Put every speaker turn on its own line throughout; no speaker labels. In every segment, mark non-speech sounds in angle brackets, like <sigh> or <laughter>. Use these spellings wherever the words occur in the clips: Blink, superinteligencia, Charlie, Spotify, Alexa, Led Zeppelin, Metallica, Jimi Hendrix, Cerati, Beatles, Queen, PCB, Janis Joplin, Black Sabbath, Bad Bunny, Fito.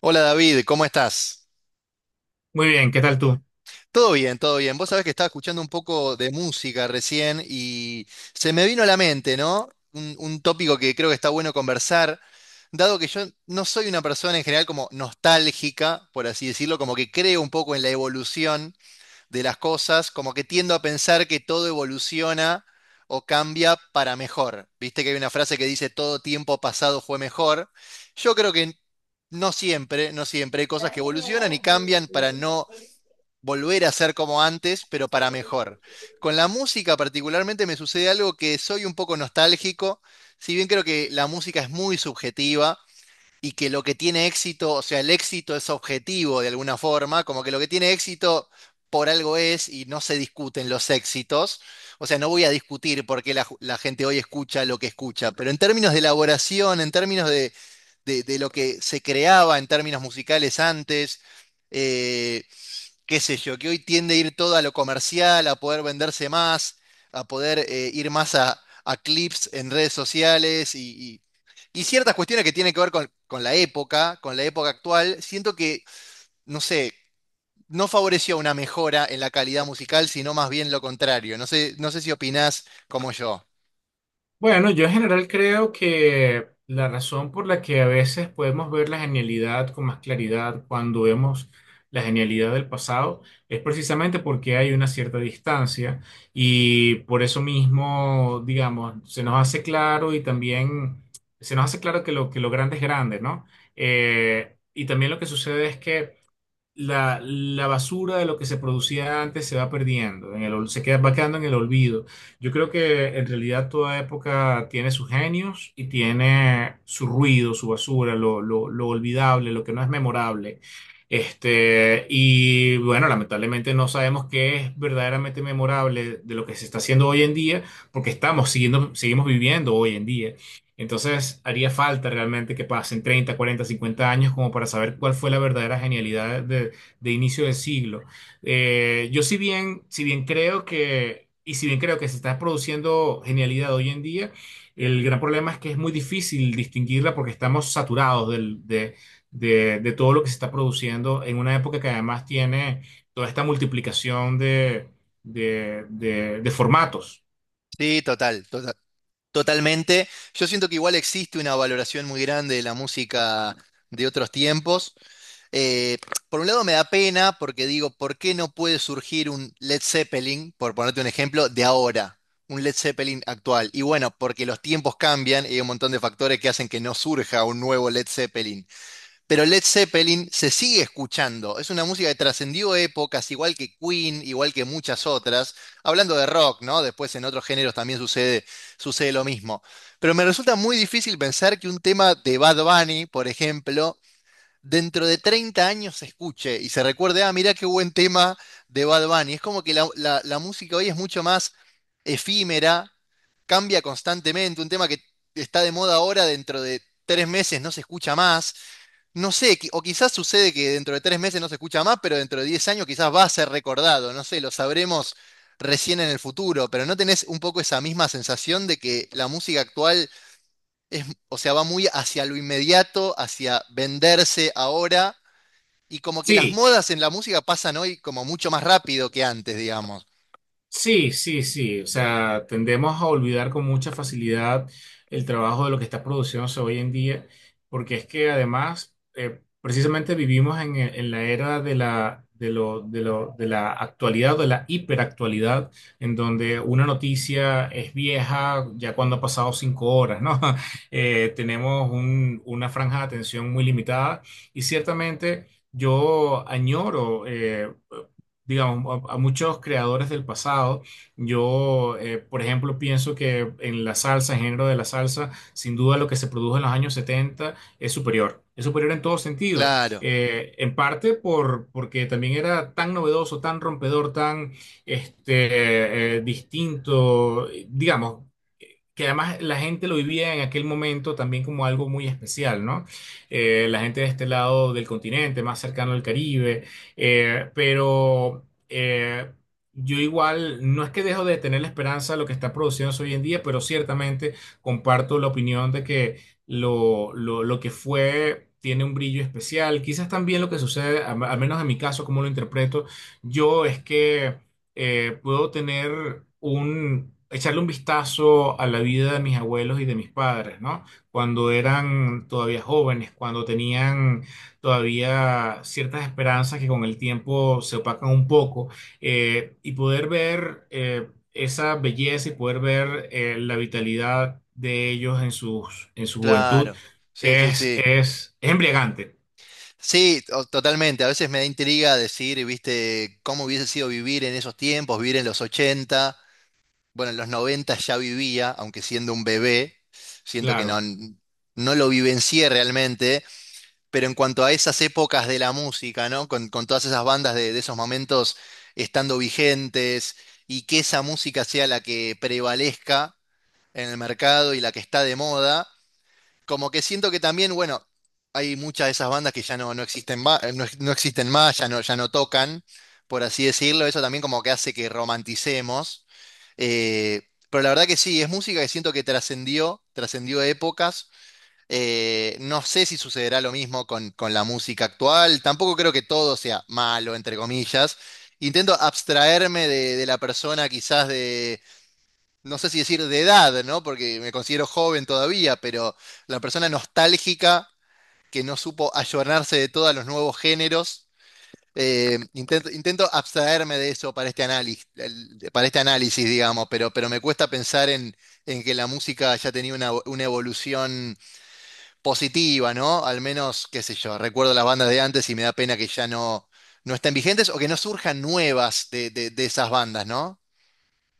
Hola David, ¿cómo estás?
Muy bien, ¿qué tal tú?
Todo bien, todo bien. Vos sabés que estaba escuchando un poco de música recién y se me vino a la mente, ¿no? Un tópico que creo que está bueno conversar, dado que yo no soy una persona en general como nostálgica, por así decirlo, como que creo un poco en la evolución de las cosas, como que tiendo a pensar que todo evoluciona o cambia para mejor. Viste que hay una frase que dice todo tiempo pasado fue mejor. Yo creo que no siempre, no siempre hay cosas que evolucionan y cambian para no volver a ser como antes, pero para mejor. Con la música particularmente me sucede algo que soy un poco nostálgico, si bien creo que la música es muy subjetiva y que lo que tiene éxito, o sea, el éxito es objetivo de alguna forma, como que lo que tiene éxito por algo es y no se discuten los éxitos. O sea, no voy a discutir por qué la gente hoy escucha lo que escucha, pero en términos de elaboración, en términos de lo que se creaba en términos musicales antes, eh, qué sé yo, que hoy tiende a ir todo a lo comercial, a poder venderse más, a poder ir más a clips en redes sociales y ciertas cuestiones que tienen que ver con la época actual, siento que, no sé, no favoreció una mejora en la calidad musical, sino más bien lo contrario. No sé, no sé si opinás como yo.
Bueno, yo en general creo que la razón por la que a veces podemos ver la genialidad con más claridad cuando vemos la genialidad del pasado es precisamente porque hay una cierta distancia y por eso mismo, digamos, se nos hace claro y también se nos hace claro que lo grande es grande, ¿no? Y también lo que sucede es que la basura de lo que se producía antes se va perdiendo, se queda, va quedando en el olvido. Yo creo que en realidad toda época tiene sus genios y tiene su ruido, su basura, lo olvidable, lo que no es memorable. Y bueno, lamentablemente no sabemos qué es verdaderamente memorable de lo que se está haciendo hoy en día, porque seguimos viviendo hoy en día. Entonces, haría falta realmente que pasen 30, 40, 50 años como para saber cuál fue la verdadera genialidad de inicio del siglo. Yo si bien, si bien creo que, y si bien creo que se está produciendo genialidad hoy en día, el gran problema es que es muy difícil distinguirla porque estamos saturados de todo lo que se está produciendo en una época que además tiene toda esta multiplicación de formatos.
Sí, total, totalmente. Yo siento que igual existe una valoración muy grande de la música de otros tiempos. Eh, por un lado me da pena porque digo, ¿por qué no puede surgir un Led Zeppelin, por ponerte un ejemplo, de ahora? Un Led Zeppelin actual. Y bueno, porque los tiempos cambian y hay un montón de factores que hacen que no surja un nuevo Led Zeppelin. Pero Led Zeppelin se sigue escuchando. Es una música que trascendió épocas, igual que Queen, igual que muchas otras. Hablando de rock, ¿no? Después en otros géneros también sucede, sucede lo mismo. Pero me resulta muy difícil pensar que un tema de Bad Bunny, por ejemplo, dentro de 30 años se escuche y se recuerde, ah, mirá qué buen tema de Bad Bunny. Es como que la música hoy es mucho más efímera, cambia constantemente, un tema que está de moda ahora dentro de 3 meses no se escucha más. No sé, o quizás sucede que dentro de 3 meses no se escucha más, pero dentro de 10 años quizás va a ser recordado, no sé, lo sabremos recién en el futuro, pero ¿no tenés un poco esa misma sensación de que la música actual es, o sea, va muy hacia lo inmediato, hacia venderse ahora? Y como que las
Sí,
modas en la música pasan hoy como mucho más rápido que antes, digamos.
sí, sí, sí. O sea, tendemos a olvidar con mucha facilidad el trabajo de lo que está produciéndose hoy en día, porque es que además, precisamente vivimos en la era de la actualidad, de la hiperactualidad, en donde una noticia es vieja ya cuando ha pasado 5 horas, ¿no? <laughs> Tenemos una franja de atención muy limitada y ciertamente yo añoro, digamos, a muchos creadores del pasado. Yo, por ejemplo, pienso que en la salsa, en género de la salsa, sin duda lo que se produjo en los años 70 es superior. Es superior en todo sentido.
Claro,
En parte porque también era tan novedoso, tan rompedor, tan distinto. Digamos, que además la gente lo vivía en aquel momento también como algo muy especial, ¿no? La gente de este lado del continente, más cercano al Caribe, pero, yo igual, no es que dejo de tener la esperanza de lo que está produciéndose hoy en día, pero ciertamente comparto la opinión de que lo que fue tiene un brillo especial. Quizás también lo que sucede, al menos en mi caso, como lo interpreto, yo es que puedo echarle un vistazo a la vida de mis abuelos y de mis padres, ¿no? Cuando eran todavía jóvenes, cuando tenían todavía ciertas esperanzas que con el tiempo se opacan un poco, y poder ver esa belleza y poder ver la vitalidad de ellos en su juventud
claro. Sí, sí,
es,
sí.
es, es embriagante,
Sí, totalmente. A veces me da intriga decir, viste, cómo hubiese sido vivir en esos tiempos, vivir en los ochenta. Bueno, en los 90 ya vivía, aunque siendo un bebé, siento que no,
claro.
no lo vivencié realmente. Pero en cuanto a esas épocas de la música, ¿no? Con todas esas bandas de esos momentos estando vigentes y que esa música sea la que prevalezca en el mercado y la que está de moda. Como que siento que también, bueno, hay muchas de esas bandas que ya no, no existen, no existen más, ya no, ya no tocan, por así decirlo. Eso también como que hace que romanticemos. Eh, pero la verdad que sí, es música que siento que trascendió, trascendió épocas. No sé si sucederá lo mismo con la música actual. Tampoco creo que todo sea malo, entre comillas. Intento abstraerme de la persona quizás no sé si decir de edad, ¿no? Porque me considero joven todavía, pero la persona nostálgica que no supo ayornarse de todos los nuevos géneros. Intento abstraerme de eso para este análisis, digamos, pero me cuesta pensar en que la música haya tenido una evolución positiva, ¿no? Al menos, qué sé yo, recuerdo las bandas de antes y me da pena que ya no, no estén vigentes o que no surjan nuevas de esas bandas, ¿no?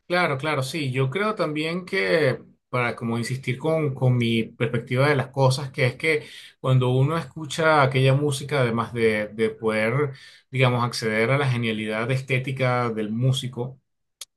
Claro, claro, sí. Yo creo también que, para como insistir con mi perspectiva de las cosas, que es que cuando uno escucha aquella música, además de poder, digamos, acceder a la genialidad estética del músico,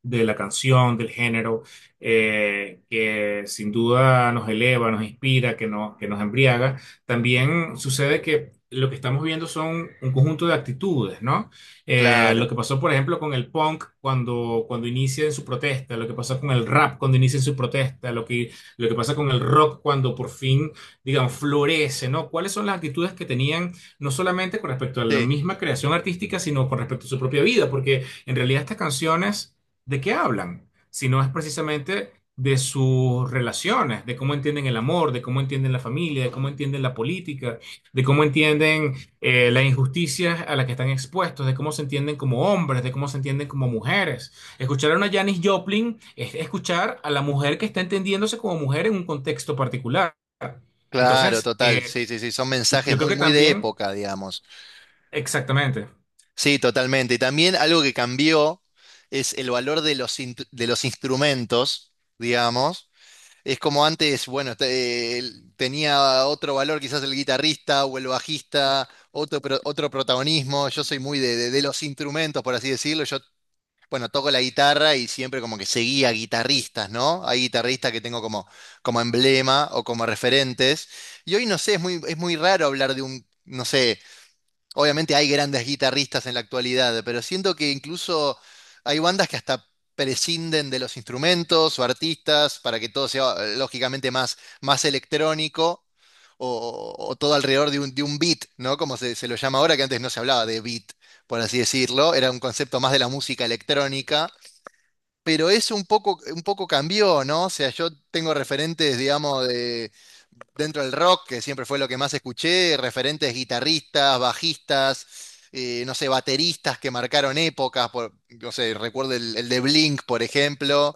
de la canción, del género, que sin duda nos eleva, nos inspira, que, no- que nos embriaga, también sucede que lo que estamos viendo son un conjunto de actitudes, ¿no? Lo
Claro,
que pasó, por ejemplo, con el punk cuando inicia en su protesta, lo que pasa con el rap cuando inicia en su protesta, lo que pasa con el rock cuando por fin, digamos, florece, ¿no? ¿Cuáles son las actitudes que tenían no solamente con respecto a la
sí.
misma creación artística, sino con respecto a su propia vida? Porque en realidad estas canciones de qué hablan, sino es precisamente de sus relaciones, de cómo entienden el amor, de cómo entienden la familia, de cómo entienden la política, de cómo entienden las injusticias a las que están expuestos, de cómo se entienden como hombres, de cómo se entienden como mujeres. Escuchar a una Janis Joplin es escuchar a la mujer que está entendiéndose como mujer en un contexto particular.
Claro,
Entonces,
total, sí, sí, sí, son mensajes
yo creo
muy,
que
muy de
también,
época, digamos.
exactamente,
Sí, totalmente. Y también algo que cambió es el valor de los, de los instrumentos, digamos. Es como antes, bueno, tenía otro valor quizás el guitarrista o el bajista, otro, otro protagonismo. Yo soy muy de, de los instrumentos, por así decirlo. Yo bueno, toco la guitarra y siempre como que seguía guitarristas, ¿no? Hay guitarristas que tengo como, como emblema o como referentes. Y hoy no sé, es muy raro hablar de un, no sé, obviamente hay grandes guitarristas en la actualidad, pero siento que incluso hay bandas que hasta prescinden de los instrumentos o artistas para que todo sea lógicamente más, más electrónico o, o todo alrededor de un beat, ¿no? Como se lo llama ahora, que antes no se hablaba de beat, por así decirlo, era un concepto más de la música electrónica, pero eso un poco cambió, ¿no? O sea, yo tengo referentes, digamos, de dentro del rock, que siempre fue lo que más escuché, referentes guitarristas, bajistas, no sé, bateristas que marcaron épocas, no sé, recuerdo el de Blink, por ejemplo,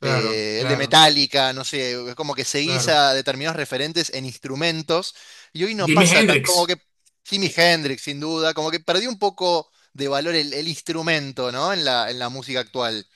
claro,
el de
claro,
Metallica, no sé, es como que seguís
claro.
a determinados referentes en instrumentos, y hoy no
Jimi
pasa tan, como
Hendrix.
que Jimi Hendrix, sin duda, como que perdió un poco de valor el instrumento, ¿no? En en la música actual.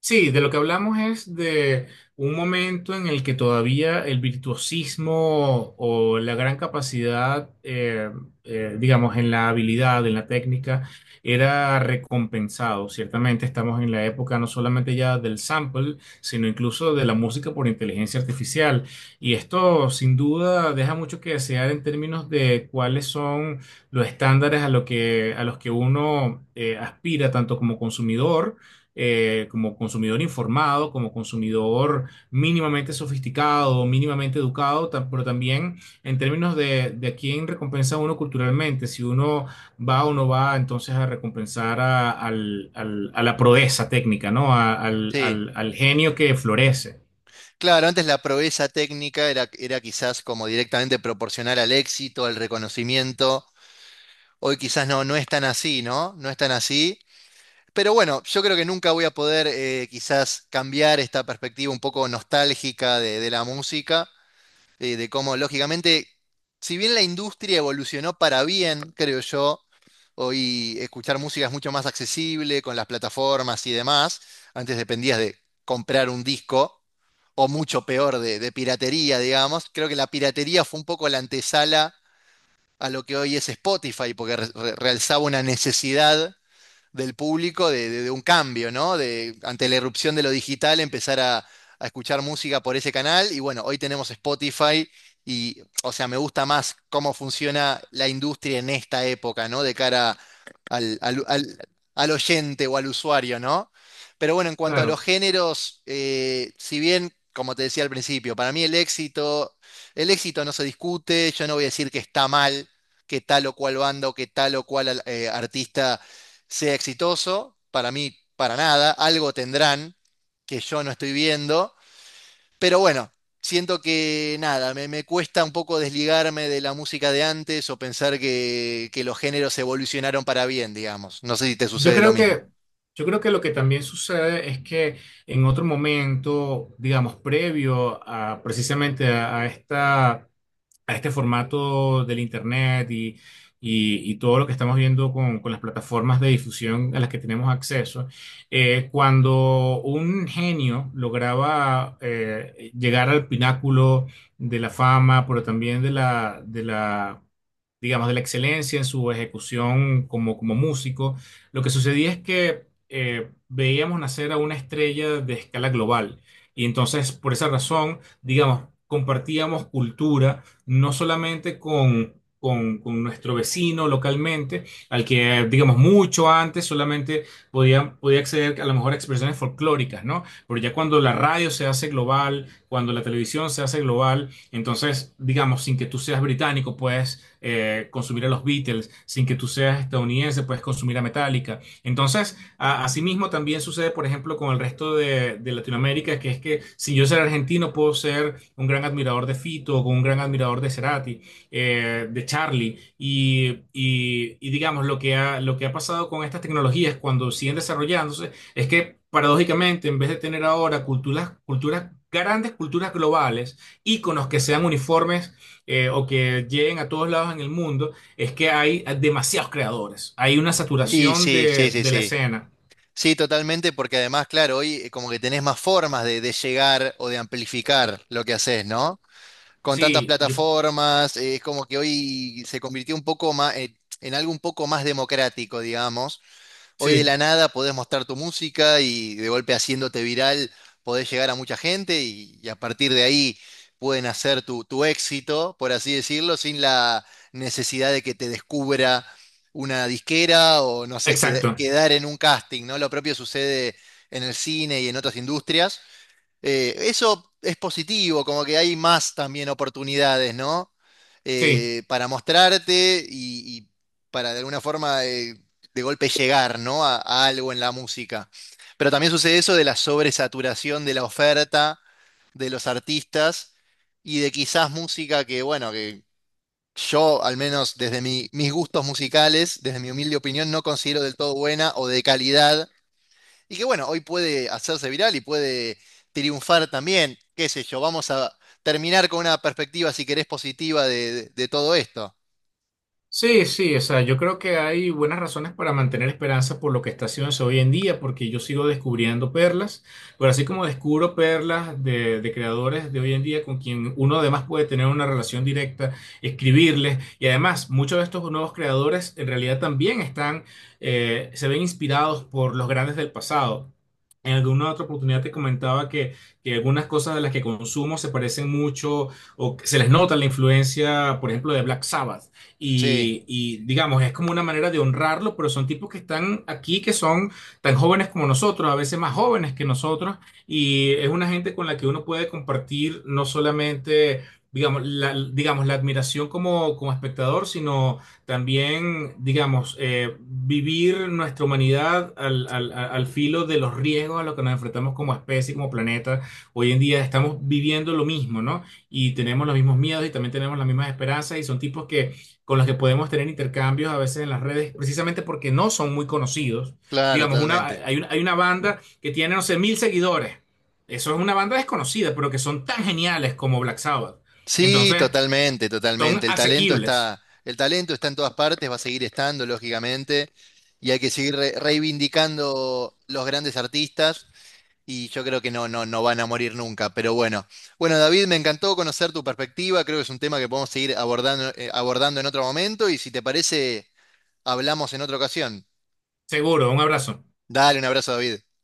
Sí, de lo que hablamos es de un momento en el que todavía el virtuosismo o la gran capacidad, digamos, en la habilidad, en la técnica, era recompensado. Ciertamente estamos en la época no solamente ya del sample, sino incluso de la música por inteligencia artificial. Y esto sin duda deja mucho que desear en términos de cuáles son los estándares a los que uno aspira tanto como consumidor informado, como consumidor mínimamente sofisticado, mínimamente educado, pero también en términos de a quién recompensa uno culturalmente, si uno va o no va entonces a recompensar a la proeza técnica, ¿no? A- al,
Sí.
al al genio que florece.
Claro, antes la proeza técnica era, era quizás como directamente proporcional al éxito, al reconocimiento. Hoy quizás no, no es tan así, ¿no? No es tan así. Pero bueno, yo creo que nunca voy a poder quizás cambiar esta perspectiva un poco nostálgica de la música, de cómo, lógicamente, si bien la industria evolucionó para bien, creo yo, hoy escuchar música es mucho más accesible con las plataformas y demás, antes dependías de comprar un disco, o mucho peor, de piratería, digamos, creo que la piratería fue un poco la antesala a lo que hoy es Spotify, porque realzaba una necesidad del público de, de un cambio, ¿no? De, ante la irrupción de lo digital, empezar a escuchar música por ese canal. Y bueno, hoy tenemos Spotify y, o sea, me gusta más cómo funciona la industria en esta época, ¿no? De cara al, al- al- al oyente o al usuario, ¿no? Pero bueno, en cuanto a los
Claro.
géneros, si bien, como te decía al principio, para mí el éxito no se discute, yo no voy a decir que está mal, que tal o cual banda o que tal o cual artista sea exitoso. Para mí, para nada. Algo tendrán que yo no estoy viendo. Pero bueno, siento que nada, me cuesta un poco desligarme de la música de antes o pensar que los géneros evolucionaron para bien, digamos. No sé si te
Yo
sucede lo
creo
mismo.
que, yo creo que lo que también sucede es que en otro momento, digamos, previo a precisamente a este formato del Internet y, todo lo que estamos viendo con las plataformas de difusión a las que tenemos acceso, cuando un genio lograba llegar al pináculo de la fama, pero también digamos, de la excelencia en su ejecución como músico, lo que sucedía es que veíamos nacer a una estrella de escala global. Y entonces, por esa razón, digamos, compartíamos cultura no solamente con nuestro vecino localmente, al que, digamos, mucho antes solamente podía acceder a lo mejor a expresiones folclóricas, ¿no? Pero ya cuando la radio se hace global, cuando la televisión se hace global, entonces, digamos, sin que tú seas británico, puedes consumir a los Beatles, sin que tú seas estadounidense, puedes consumir a Metallica. Entonces, asimismo también sucede, por ejemplo, con el resto de Latinoamérica, que es que si yo soy argentino, puedo ser un gran admirador de Fito, o un gran admirador de Cerati, de Charlie, y, digamos, lo que ha pasado con estas tecnologías cuando siguen desarrollándose es que paradójicamente, en vez de tener ahora grandes culturas globales, íconos que sean uniformes o que lleguen a todos lados en el mundo es que hay demasiados creadores. Hay una
Y
saturación
sí,
de,
sí, sí,
de la
sí.
escena.
Sí, totalmente, porque además, claro, hoy como que tenés más formas de llegar o de amplificar lo que haces, ¿no? Con tantas
Sí,
plataformas, es como que hoy se convirtió un poco más, en algo un poco más democrático, digamos. Hoy de
sí,
la nada podés mostrar tu música y de golpe haciéndote viral podés llegar a mucha gente y a partir de ahí pueden hacer tu, tu éxito, por así decirlo, sin la necesidad de que te descubra una disquera o no sé,
exacto.
quedar en un casting, ¿no? Lo propio sucede en el cine y en otras industrias, eso es positivo, como que hay más también oportunidades, ¿no?
Sí.
Para mostrarte y para de alguna forma de golpe llegar, ¿no? A algo en la música. Pero también sucede eso de la sobresaturación de la oferta de los artistas y de quizás música que, bueno, que yo, al menos desde mis gustos musicales, desde mi humilde opinión, no considero del todo buena o de calidad y que bueno, hoy puede hacerse viral y puede triunfar también, qué sé yo, vamos a terminar con una perspectiva, si querés, positiva de, de todo esto.
Sí, sí, o sea, yo creo que hay buenas razones para mantener esperanza por lo que está haciéndose hoy en día, porque yo sigo descubriendo perlas, pero así como descubro perlas de creadores de hoy en día con quien uno además puede tener una relación directa, escribirles, y además muchos de estos nuevos creadores en realidad también están, se ven inspirados por los grandes del pasado. En alguna otra oportunidad te comentaba que algunas cosas de las que consumo se parecen mucho o que se les nota la influencia, por ejemplo, de Black Sabbath
Sí,
y, digamos, es como una manera de honrarlo, pero son tipos que están aquí, que son tan jóvenes como nosotros, a veces más jóvenes que nosotros, y es una gente con la que uno puede compartir no solamente, digamos, la admiración como espectador, sino también, digamos, vivir nuestra humanidad al filo de los riesgos a los que nos enfrentamos como especie, como planeta. Hoy en día estamos viviendo lo mismo, ¿no? Y tenemos los mismos miedos y también tenemos las mismas esperanzas y son tipos que con los que podemos tener intercambios a veces en las redes, precisamente porque no son muy conocidos.
claro,
Digamos,
totalmente.
hay una banda que tiene, no sé, 1.000 seguidores. Eso es una banda desconocida, pero que son tan geniales como Black Sabbath.
Sí,
Entonces,
totalmente,
son
totalmente.
asequibles.
El talento está en todas partes, va a seguir estando, lógicamente, y hay que seguir reivindicando los grandes artistas, y yo creo que no, no, no van a morir nunca, pero bueno. Bueno, David, me encantó conocer tu perspectiva, creo que es un tema que podemos seguir abordando, abordando en otro momento, y si te parece... Hablamos en otra ocasión.
Seguro, un abrazo.
Dale un abrazo, David.